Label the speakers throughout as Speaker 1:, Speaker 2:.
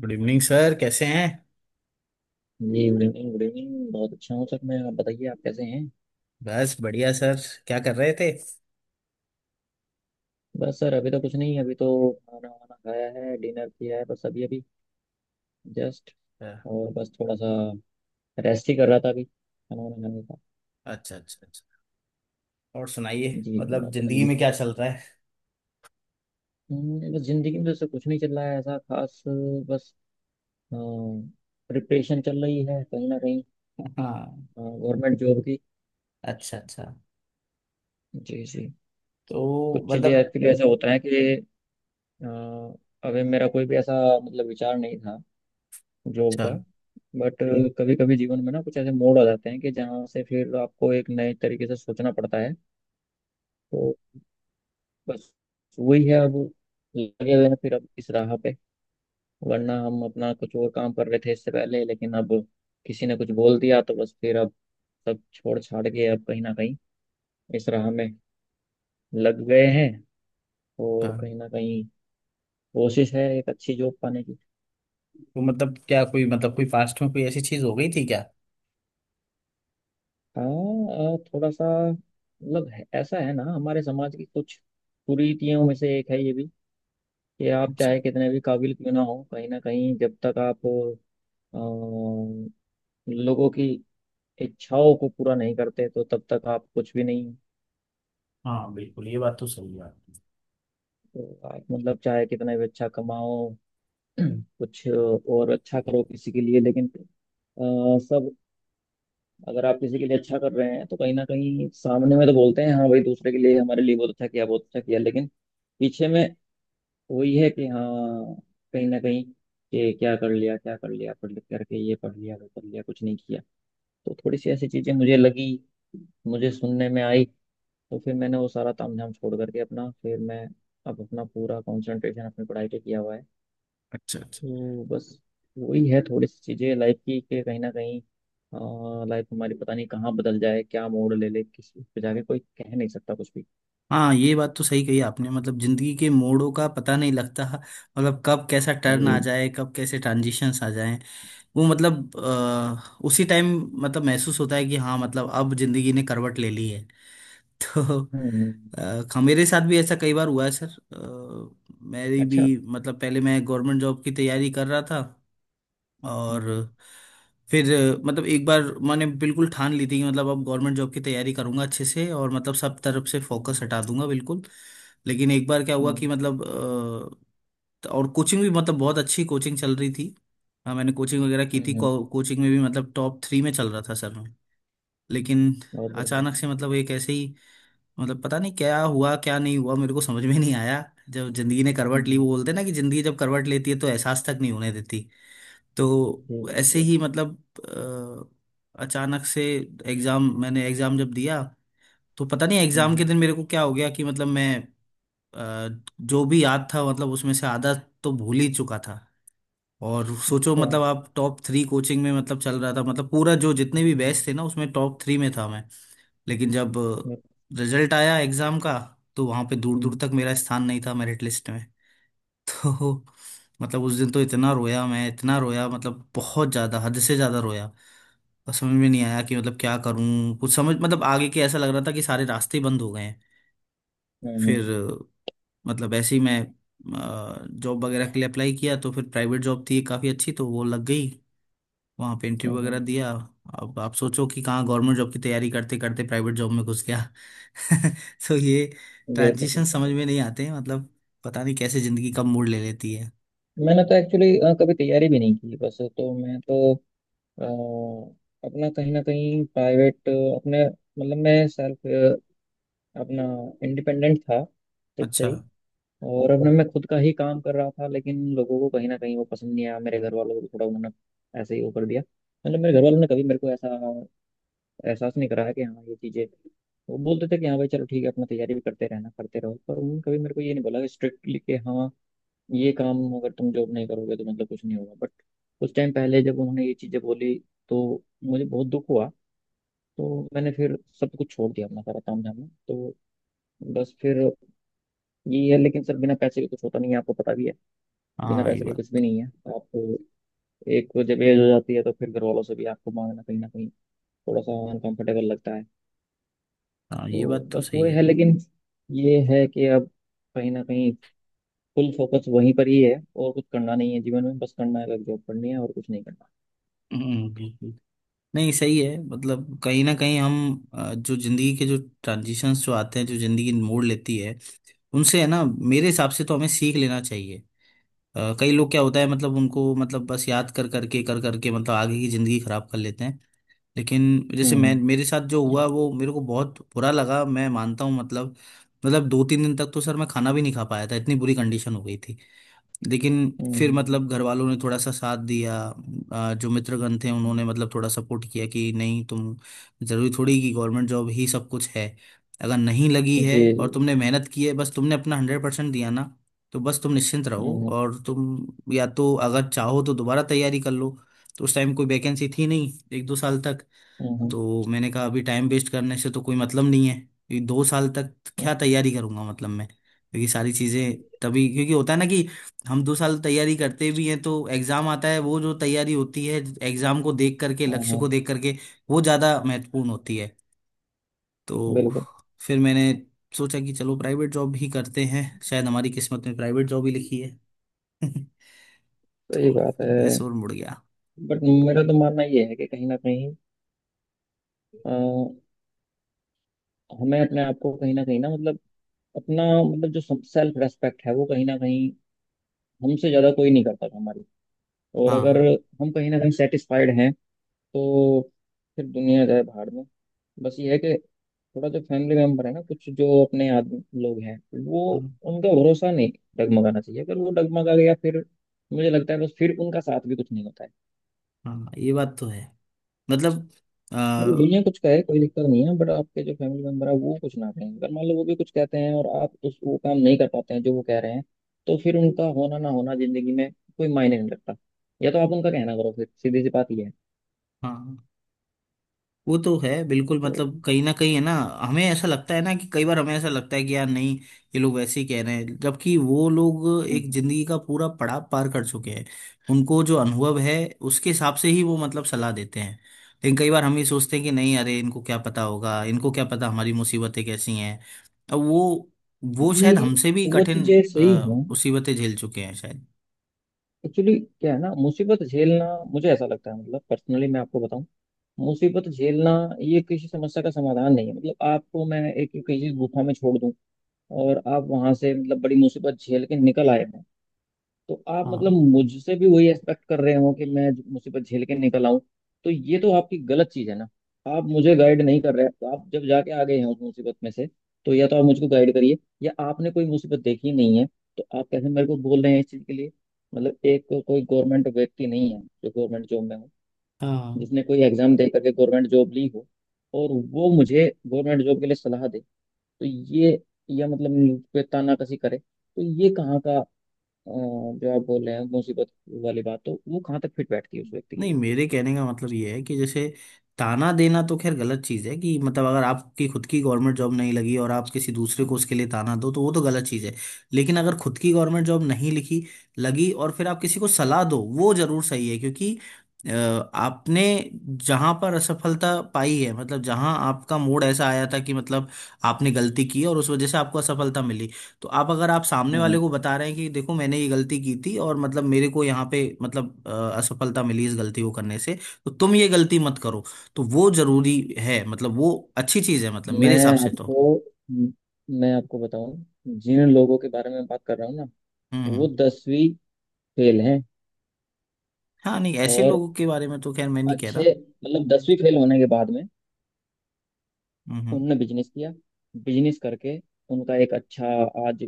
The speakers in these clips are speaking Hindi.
Speaker 1: गुड इवनिंग सर, कैसे हैं।
Speaker 2: जी, गुड इवनिंग, गुड इवनिंग। बहुत अच्छा हूँ सर। मैं, आप बताइए आप कैसे हैं।
Speaker 1: बस बढ़िया सर। क्या कर रहे थे? अच्छा,
Speaker 2: बस सर अभी तो कुछ नहीं, अभी तो खाना वाना खाया है, डिनर किया है, बस अभी अभी, जस्ट। और बस थोड़ा सा रेस्ट ही कर रहा था, अभी खाना वाना खाने का।
Speaker 1: अच्छा, अच्छा, अच्छा। और सुनाइए,
Speaker 2: जी जी
Speaker 1: मतलब
Speaker 2: आप
Speaker 1: जिंदगी
Speaker 2: बताइए।
Speaker 1: में क्या चल रहा है।
Speaker 2: बस जिंदगी में जैसे कुछ नहीं चल रहा है ऐसा खास, बस प्रिपरेशन चल रही है कहीं ना कहीं,
Speaker 1: हाँ,
Speaker 2: गवर्नमेंट जॉब की।
Speaker 1: अच्छा, अच्छा।
Speaker 2: जी जी।
Speaker 1: तो
Speaker 2: कुछ चीज़ें
Speaker 1: मतलब,
Speaker 2: एक्चुअली ऐसा होता है कि अ, अभी मेरा कोई भी ऐसा मतलब विचार नहीं था, जॉब
Speaker 1: अच्छा, अच्छा।
Speaker 2: का। बट कभी कभी जीवन में ना कुछ ऐसे मोड़ आ जाते हैं कि जहाँ से फिर आपको एक नए तरीके से सोचना पड़ता है। तो बस वही है अब, लगे हुए हैं फिर अब इस राह पे। वरना हम अपना कुछ और काम कर रहे थे इससे पहले, लेकिन अब किसी ने कुछ बोल दिया तो बस फिर अब सब छोड़ छाड़ के अब कहीं ना कहीं इस राह में लग गए हैं। और कहीं ना कहीं कोशिश है एक अच्छी जॉब पाने की।
Speaker 1: तो मतलब क्या, कोई, मतलब कोई पास्ट में कोई ऐसी चीज हो गई थी क्या?
Speaker 2: हाँ, थोड़ा सा मतलब ऐसा है ना, हमारे समाज की कुछ कुरीतियों में से एक है ये भी। ये आप
Speaker 1: अच्छा।
Speaker 2: चाहे कितने भी काबिल क्यों ना हो, कहीं ना कहीं जब तक आप अ, लोगों की इच्छाओं को पूरा नहीं करते तो तब तक आप कुछ भी नहीं हो।
Speaker 1: हाँ, बिल्कुल, ये बात तो सही है।
Speaker 2: तो आप मतलब चाहे कितना भी अच्छा कमाओ, कुछ और अच्छा करो किसी के लिए, लेकिन सब, अगर आप किसी के लिए अच्छा कर रहे हैं तो कहीं ना कहीं सामने में तो बोलते हैं हाँ भाई दूसरे के लिए हमारे लिए बहुत अच्छा किया बहुत अच्छा किया, लेकिन पीछे में वही है कि हाँ, कहीं ना कहीं कि क्या कर लिया क्या कर लिया, पढ़ लिख करके ये पढ़ लिया वो पढ़ लिया कुछ नहीं किया। तो थोड़ी सी ऐसी चीजें मुझे लगी, मुझे सुनने में आई। तो फिर मैंने वो सारा तामझाम छोड़ करके अपना, फिर मैं अब अपना पूरा कंसंट्रेशन अपनी पढ़ाई पे किया हुआ है।
Speaker 1: अच्छा, अच्छा।
Speaker 2: तो बस वही है, थोड़ी सी चीजें लाइफ की कि कहीं ना कहीं लाइफ हमारी पता नहीं कहाँ बदल जाए, क्या मोड़ ले ले, किस, उस पे जाके कोई कह नहीं सकता कुछ भी।
Speaker 1: हाँ, ये बात तो सही कही आपने, मतलब जिंदगी के मोड़ों का पता नहीं लगता, मतलब कब कैसा टर्न आ
Speaker 2: जी।
Speaker 1: जाए, कब कैसे ट्रांजिशंस आ जाए। वो मतलब उसी टाइम मतलब महसूस होता है कि हाँ, मतलब अब जिंदगी ने करवट ले ली है। तो
Speaker 2: हम्म।
Speaker 1: मेरे साथ भी ऐसा कई बार हुआ है सर। मेरी
Speaker 2: अच्छा।
Speaker 1: भी, मतलब पहले मैं गवर्नमेंट जॉब की तैयारी कर रहा था, और
Speaker 2: हम्म
Speaker 1: फिर मतलब एक बार मैंने बिल्कुल ठान ली थी कि मतलब अब गवर्नमेंट जॉब की तैयारी करूंगा अच्छे से, और मतलब सब तरफ से फोकस
Speaker 2: हम्म।
Speaker 1: हटा दूंगा बिल्कुल। लेकिन एक बार क्या हुआ कि
Speaker 2: हम्म
Speaker 1: मतलब और कोचिंग भी, मतलब बहुत अच्छी कोचिंग चल रही थी। हाँ, मैंने कोचिंग वगैरह की
Speaker 2: हम्म।
Speaker 1: थी, कोचिंग में भी मतलब टॉप थ्री में चल रहा था सर मैं। लेकिन
Speaker 2: बहुत बढ़िया।
Speaker 1: अचानक से, मतलब एक ऐसे ही, मतलब पता नहीं क्या हुआ, क्या नहीं हुआ, मेरे को समझ में नहीं आया। जब जिंदगी ने करवट ली, वो
Speaker 2: हम्म।
Speaker 1: बोलते हैं ना कि जिंदगी जब करवट लेती है तो एहसास तक नहीं होने देती। तो
Speaker 2: जी जी
Speaker 1: ऐसे
Speaker 2: जी।
Speaker 1: ही मतलब अचानक से एग्जाम मैंने एग्जाम जब दिया तो पता नहीं एग्जाम के
Speaker 2: हम्म।
Speaker 1: दिन मेरे को क्या हो गया कि मतलब मैं अ, जो भी याद था, मतलब उसमें से आधा तो भूल ही चुका था। और सोचो,
Speaker 2: अच्छा।
Speaker 1: मतलब आप टॉप थ्री कोचिंग में मतलब चल रहा था, मतलब पूरा जो जितने भी
Speaker 2: हम्म
Speaker 1: बैच थे ना उसमें टॉप थ्री में था मैं। लेकिन जब
Speaker 2: हम्म।
Speaker 1: रिजल्ट आया एग्जाम का तो वहां पे दूर दूर
Speaker 2: हम्म
Speaker 1: तक मेरा स्थान नहीं था मेरिट लिस्ट में। तो मतलब उस दिन तो इतना रोया मैं, इतना रोया, मतलब बहुत ज्यादा, हद से ज्यादा रोया। और समझ में नहीं आया कि मतलब क्या करूं, कुछ समझ, मतलब आगे के, ऐसा लग रहा था कि सारे रास्ते ही बंद हो गए हैं।
Speaker 2: हम्म। हम्म।
Speaker 1: फिर मतलब ऐसे ही मैं जॉब वगैरह के लिए अप्लाई किया, तो फिर प्राइवेट जॉब थी काफ़ी अच्छी, तो वो लग गई। वहाँ पे
Speaker 2: हम्म।
Speaker 1: इंटरव्यू वगैरह दिया। अब आप सोचो कि कहाँ गवर्नमेंट जॉब की तैयारी करते करते प्राइवेट जॉब में घुस गया। तो ये
Speaker 2: बिल्कुल
Speaker 1: ट्रांजिशन
Speaker 2: बिल्कुल
Speaker 1: समझ में
Speaker 2: बिल्कुल
Speaker 1: नहीं आते हैं, मतलब पता नहीं कैसे ज़िंदगी कब मोड़ ले लेती है।
Speaker 2: मैंने तो एक्चुअली कभी तैयारी भी नहीं की बस तो मैं तो अ, अपना कहीं ना कहीं प्राइवेट अपने मतलब मैं सेल्फ अपना इंडिपेंडेंट था खुद से
Speaker 1: अच्छा।
Speaker 2: ही और अपने मैं खुद का ही काम कर रहा था लेकिन लोगों को कहीं ना कहीं वो पसंद नहीं आया मेरे घर वालों को भी थोड़ा उन्होंने ऐसे ही वो कर दिया मतलब मेरे घर वालों ने कभी मेरे को ऐसा एहसास नहीं कराया कि हाँ ये चीज़ें वो बोलते थे कि हाँ भाई चलो ठीक है अपना तैयारी भी करते रहना करते रहो पर उन्होंने कभी मेरे को ये नहीं बोला स्ट्रिक्टली कि हाँ ये काम अगर तुम जॉब नहीं करोगे तो मतलब कुछ नहीं होगा बट उस टाइम पहले जब उन्होंने ये चीजें बोली तो मुझे बहुत दुख हुआ तो मैंने फिर सब कुछ छोड़ दिया अपना सारा ताम झाम तो बस फिर ये है लेकिन सर बिना पैसे के कुछ होता नहीं है आपको पता भी है बिना
Speaker 1: हाँ ये
Speaker 2: पैसे के कुछ
Speaker 1: बात
Speaker 2: भी नहीं है आप एक जब एज हो जाती है तो फिर घर वालों से भी आपको मांगना कहीं ना कहीं थोड़ा सा अनकंफर्टेबल लगता है
Speaker 1: हाँ, ये
Speaker 2: तो
Speaker 1: बात तो
Speaker 2: बस वो
Speaker 1: सही है।
Speaker 2: है लेकिन ये है कि अब कहीं ना कहीं फुल फोकस वहीं पर ही है और कुछ करना नहीं है जीवन में बस करना है बस जॉब करनी है और कुछ नहीं करना
Speaker 1: बिल्कुल। नहीं, सही है, मतलब कहीं ना कहीं हम जो जिंदगी के जो ट्रांजिशंस जो आते हैं, जो जिंदगी मोड़ लेती है, उनसे है ना, मेरे हिसाब से तो हमें सीख लेना चाहिए। कई लोग क्या होता है, मतलब उनको, मतलब बस याद कर करके, कर करके, मतलब आगे की जिंदगी खराब कर लेते हैं। लेकिन जैसे मैं,
Speaker 2: हम्म
Speaker 1: मेरे साथ जो हुआ वो मेरे को बहुत बुरा लगा, मैं मानता हूँ, मतलब दो तीन दिन तक तो सर मैं खाना भी नहीं खा पाया था, इतनी बुरी कंडीशन हो गई थी। लेकिन फिर
Speaker 2: हम्म,
Speaker 1: मतलब घर वालों ने थोड़ा सा साथ दिया, जो मित्रगण थे उन्होंने मतलब थोड़ा सपोर्ट किया कि नहीं, तुम, जरूरी थोड़ी कि गवर्नमेंट जॉब ही सब कुछ है। अगर नहीं लगी
Speaker 2: जी
Speaker 1: है
Speaker 2: जी
Speaker 1: और तुमने मेहनत की है, बस तुमने अपना 100% दिया ना, तो बस तुम निश्चिंत रहो,
Speaker 2: हम्म,
Speaker 1: और तुम या तो अगर चाहो तो दोबारा तैयारी कर लो। तो उस टाइम कोई वैकेंसी थी नहीं, एक दो साल तक।
Speaker 2: हम्म, हम्म,
Speaker 1: तो मैंने कहा अभी टाइम वेस्ट करने से तो कोई मतलब नहीं है, क्योंकि दो साल तक क्या तैयारी करूंगा मतलब मैं, क्योंकि सारी चीज़ें तभी, क्योंकि होता है ना कि हम दो साल तैयारी करते भी हैं तो एग्ज़ाम आता है, वो जो तैयारी होती है एग्ज़ाम को देख करके,
Speaker 2: हम्म,
Speaker 1: लक्ष्य को
Speaker 2: हम्म,
Speaker 1: देख करके, वो ज़्यादा महत्वपूर्ण होती है। तो
Speaker 2: बिल्कुल।
Speaker 1: फिर मैंने सोचा कि चलो प्राइवेट जॉब ही करते हैं, शायद हमारी किस्मत में प्राइवेट जॉब ही लिखी है। तो
Speaker 2: सही बात
Speaker 1: फिर मैं
Speaker 2: है।
Speaker 1: शोर मुड़ गया।
Speaker 2: बट मेरा तो मानना ये है कि कहीं ना कहीं अ, हमें अपने आप को कहीं ना मतलब अपना, मतलब जो सेल्फ रेस्पेक्ट है वो कहीं ना कहीं, हमसे ज्यादा कोई नहीं करता हमारी। और अगर
Speaker 1: हाँ,
Speaker 2: हम कहीं ना कहीं सेटिस्फाइड हैं तो फिर दुनिया जाए भाड़ में। बस ये है कि थोड़ा जो फैमिली मेंबर है ना, कुछ जो अपने आदमी लोग हैं वो,
Speaker 1: हाँ,
Speaker 2: उनका भरोसा नहीं डगमगाना चाहिए। अगर वो डगमगा गया फिर, मुझे लगता है बस फिर उनका साथ भी कुछ नहीं होता है।
Speaker 1: हाँ, ये बात तो है, मतलब आ,
Speaker 2: मतलब दुनिया कुछ कहे कोई दिक्कत नहीं है, बट आपके जो फैमिली मेंबर है वो कुछ ना कहें, अगर मान लो वो भी कुछ कहते हैं और आप उस, वो काम नहीं कर पाते हैं जो वो कह रहे हैं, तो फिर उनका होना ना होना जिंदगी में कोई मायने नहीं रखता। या तो आप उनका कहना करो, फिर सीधी सी बात ये है
Speaker 1: हाँ, वो तो है बिल्कुल,
Speaker 2: तो।
Speaker 1: मतलब कहीं ना कहीं है ना। हमें ऐसा लगता है ना कि कई बार हमें ऐसा लगता है कि यार नहीं, ये लोग वैसे ही कह रहे हैं, जबकि वो लोग एक
Speaker 2: हम्म।
Speaker 1: जिंदगी का पूरा पड़ाव पार कर चुके हैं। उनको जो अनुभव है उसके हिसाब से ही वो मतलब सलाह देते हैं। लेकिन कई बार हम ये सोचते हैं कि नहीं, अरे इनको क्या पता होगा, इनको क्या पता हमारी मुसीबतें कैसी हैं। अब वो शायद
Speaker 2: नहीं,
Speaker 1: हमसे भी
Speaker 2: वो
Speaker 1: कठिन
Speaker 2: चीजें सही हैं।
Speaker 1: मुसीबतें झेल चुके हैं शायद।
Speaker 2: एक्चुअली क्या है ना, मुसीबत झेलना, मुझे ऐसा लगता है, मतलब पर्सनली मैं आपको बताऊं, मुसीबत झेलना ये किसी समस्या का समाधान नहीं है। मतलब आपको मैं एक किसी गुफा में छोड़ दूं और आप वहां से मतलब बड़ी मुसीबत झेल के निकल आए, तो आप मतलब
Speaker 1: हाँ,
Speaker 2: मुझसे भी वही एक्सपेक्ट कर रहे हो कि मैं मुसीबत झेल के निकल आऊं, तो ये तो आपकी गलत चीज है ना। आप मुझे गाइड नहीं कर रहे, तो आप जब जाके आ गए हैं उस मुसीबत में से, तो या तो आप मुझको गाइड करिए, या आपने कोई मुसीबत देखी नहीं है तो आप कैसे मेरे को बोल रहे हैं इस चीज के लिए। मतलब कोई गवर्नमेंट व्यक्ति नहीं है जो गवर्नमेंट जॉब में हो,
Speaker 1: हाँ,
Speaker 2: जिसने कोई एग्जाम दे करके गवर्नमेंट जॉब ली हो और वो मुझे गवर्नमेंट जॉब के लिए सलाह दे, तो ये, या मतलब मुझ पे तानाकसी करे, तो ये कहाँ का अ, जो आप बोल रहे हैं मुसीबत वाली बात, तो वो कहाँ तक फिट बैठती है उस व्यक्ति के
Speaker 1: नहीं,
Speaker 2: लिए।
Speaker 1: मेरे कहने का मतलब ये है कि जैसे, ताना देना तो खैर गलत चीज़ है कि मतलब अगर आपकी खुद की गवर्नमेंट जॉब नहीं लगी और आप किसी दूसरे को उसके लिए ताना दो, तो वो तो गलत चीज़ है। लेकिन अगर खुद की गवर्नमेंट जॉब नहीं लिखी, लगी, और फिर आप किसी को सलाह दो, वो जरूर सही है, क्योंकि अ, आपने जहां पर असफलता पाई है, मतलब जहां आपका मूड ऐसा आया था कि मतलब आपने गलती की और उस वजह से आपको असफलता मिली, तो आप, अगर आप सामने वाले
Speaker 2: हम्म।
Speaker 1: को बता रहे हैं कि देखो मैंने ये गलती की थी और मतलब मेरे को यहाँ पे मतलब असफलता मिली इस गलती को करने से, तो तुम ये गलती मत करो, तो वो जरूरी है, मतलब वो अच्छी चीज है, मतलब मेरे हिसाब
Speaker 2: मैं
Speaker 1: से तो।
Speaker 2: आपको हम्म, मैं आपको बताऊं, जिन लोगों के बारे में बात कर रहा हूँ ना,
Speaker 1: हम्म,
Speaker 2: वो दसवीं फेल हैं।
Speaker 1: हाँ, नहीं, ऐसे
Speaker 2: और
Speaker 1: लोगों के बारे में तो खैर मैं नहीं कह रहा।
Speaker 2: अच्छे मतलब, दसवीं फेल होने के बाद में
Speaker 1: हम्म, हम्म।
Speaker 2: उनने बिजनेस किया, बिजनेस करके उनका एक अच्छा, आज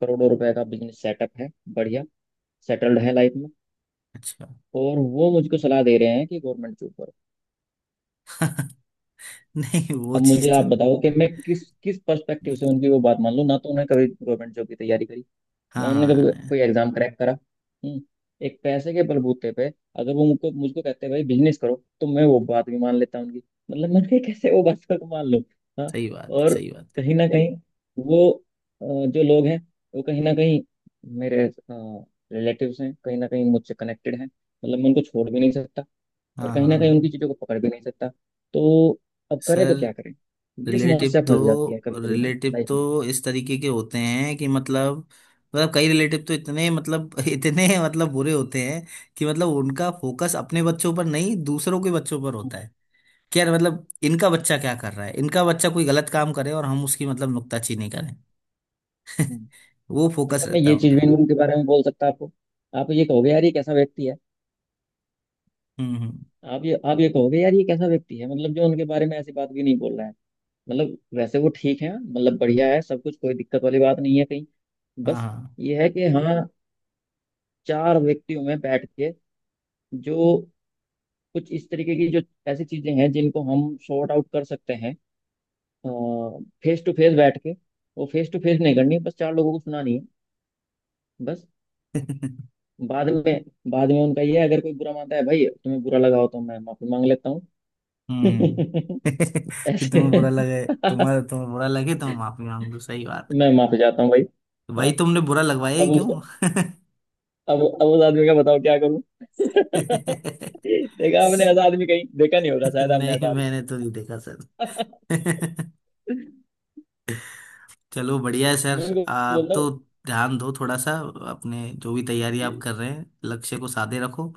Speaker 2: करोड़ों रुपए का बिजनेस सेटअप है, बढ़िया सेटल्ड है लाइफ में।
Speaker 1: अच्छा।
Speaker 2: और वो मुझको सलाह दे रहे हैं कि गवर्नमेंट जॉब करो।
Speaker 1: नहीं, वो
Speaker 2: अब मुझे
Speaker 1: चीज तो,
Speaker 2: आप बताओ कि मैं किस किस पर्सपेक्टिव से उनकी वो बात मान लूं, ना तो उन्होंने कभी गवर्नमेंट जॉब की तैयारी करी,
Speaker 1: हाँ,
Speaker 2: ना उन्होंने
Speaker 1: हाँ,
Speaker 2: कभी
Speaker 1: नहीं,
Speaker 2: कोई एग्जाम क्रैक करा। हम्म। एक पैसे के बलबूते पे अगर वो मुझको मुझको कहते हैं भाई बिजनेस करो, तो मैं वो बात भी मान लेता हूं उनकी। मतलब मैं कहा, कैसे वो बात को मान लूं। हाँ।
Speaker 1: सही बात है,
Speaker 2: और
Speaker 1: सही बात है।
Speaker 2: कहीं ना कहीं वो जो लोग हैं वो कहीं ना कहीं मेरे रिलेटिव्स हैं, कहीं ना कहीं मुझसे कनेक्टेड हैं, मतलब मैं उनको छोड़ भी नहीं सकता और
Speaker 1: हाँ, हाँ,
Speaker 2: कहीं ना कहीं
Speaker 1: हाँ।
Speaker 2: उनकी चीजों को पकड़ भी नहीं सकता। तो अब करें
Speaker 1: सर,
Speaker 2: तो क्या करें, ये
Speaker 1: रिलेटिव
Speaker 2: समस्या
Speaker 1: तो,
Speaker 2: फंस जाती है कभी कभी ना
Speaker 1: रिलेटिव
Speaker 2: लाइफ में।
Speaker 1: तो इस तरीके के होते हैं कि मतलब, मतलब कई रिलेटिव तो इतने मतलब इतने मतलब बुरे होते हैं कि मतलब उनका फोकस अपने बच्चों पर नहीं, दूसरों के बच्चों पर होता
Speaker 2: हम्म
Speaker 1: है। क्या मतलब इनका बच्चा क्या कर रहा है, इनका बच्चा कोई गलत काम करे और हम उसकी मतलब नुक्ताचीनी करें।
Speaker 2: हम्म।
Speaker 1: वो फोकस
Speaker 2: अच्छा। मैं
Speaker 1: रहता
Speaker 2: ये
Speaker 1: है
Speaker 2: चीज भी
Speaker 1: उनका।
Speaker 2: नहीं उनके बारे में बोल सकता आपको, आप ये कहोगे यार ये कैसा व्यक्ति है।
Speaker 1: हम्म, हम्म,
Speaker 2: आप ये कहोगे यार ये कैसा व्यक्ति है, मतलब जो उनके बारे में ऐसी बात भी नहीं बोल रहा है। मतलब वैसे वो ठीक है, मतलब बढ़िया है सब कुछ, कोई दिक्कत वाली बात नहीं है कहीं।
Speaker 1: हाँ।
Speaker 2: बस
Speaker 1: हाँ।
Speaker 2: ये है कि हाँ, चार व्यक्तियों में बैठ के जो कुछ इस तरीके की जो ऐसी चीजें हैं जिनको हम सॉर्ट आउट कर सकते हैं फेस टू फेस बैठ के, वो फेस टू फेस नहीं करनी, बस चार लोगों को सुनानी है। बस बाद में, बाद में उनका ये है, अगर कोई बुरा मानता है भाई तुम्हें बुरा लगा हो तो मैं माफी मांग लेता हूँ।
Speaker 1: हम्म। कि तुम्हें बुरा
Speaker 2: ऐसे।
Speaker 1: लगे, तो माफी मांग लो, सही बात
Speaker 2: मैं माफी चाहता हूँ भाई।
Speaker 1: है। भाई
Speaker 2: हाँ,
Speaker 1: तुमने बुरा लगवाया
Speaker 2: अब
Speaker 1: ही
Speaker 2: उस
Speaker 1: क्यों!
Speaker 2: अब उस आदमी का बताओ क्या करूँ।
Speaker 1: नहीं,
Speaker 2: देखा आपने ऐसा आदमी कहीं, देखा नहीं होगा शायद आपने ऐसा आदमी।
Speaker 1: मैंने तो नहीं देखा सर। चलो बढ़िया है सर,
Speaker 2: मैं उनको
Speaker 1: आप
Speaker 2: बोलता
Speaker 1: तो
Speaker 2: हूँ।
Speaker 1: ध्यान दो थोड़ा सा, अपने जो भी तैयारी
Speaker 2: जी
Speaker 1: आप कर रहे हैं लक्ष्य को साधे रखो।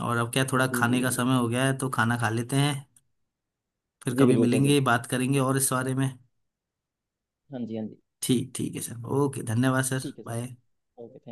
Speaker 1: और अब क्या, थोड़ा
Speaker 2: जी जी
Speaker 1: खाने का
Speaker 2: बिल्कुल
Speaker 1: समय
Speaker 2: सर।
Speaker 1: हो गया है, तो खाना खा लेते हैं। फिर
Speaker 2: जी
Speaker 1: कभी
Speaker 2: बिल्कुल सर
Speaker 1: मिलेंगे,
Speaker 2: बिल्कुल।
Speaker 1: बात करेंगे और इस बारे में।
Speaker 2: हाँ जी, हाँ जी।
Speaker 1: ठीक, ठीक है सर, ओके, धन्यवाद सर,
Speaker 2: ठीक है सर,
Speaker 1: बाय।
Speaker 2: Okay thank.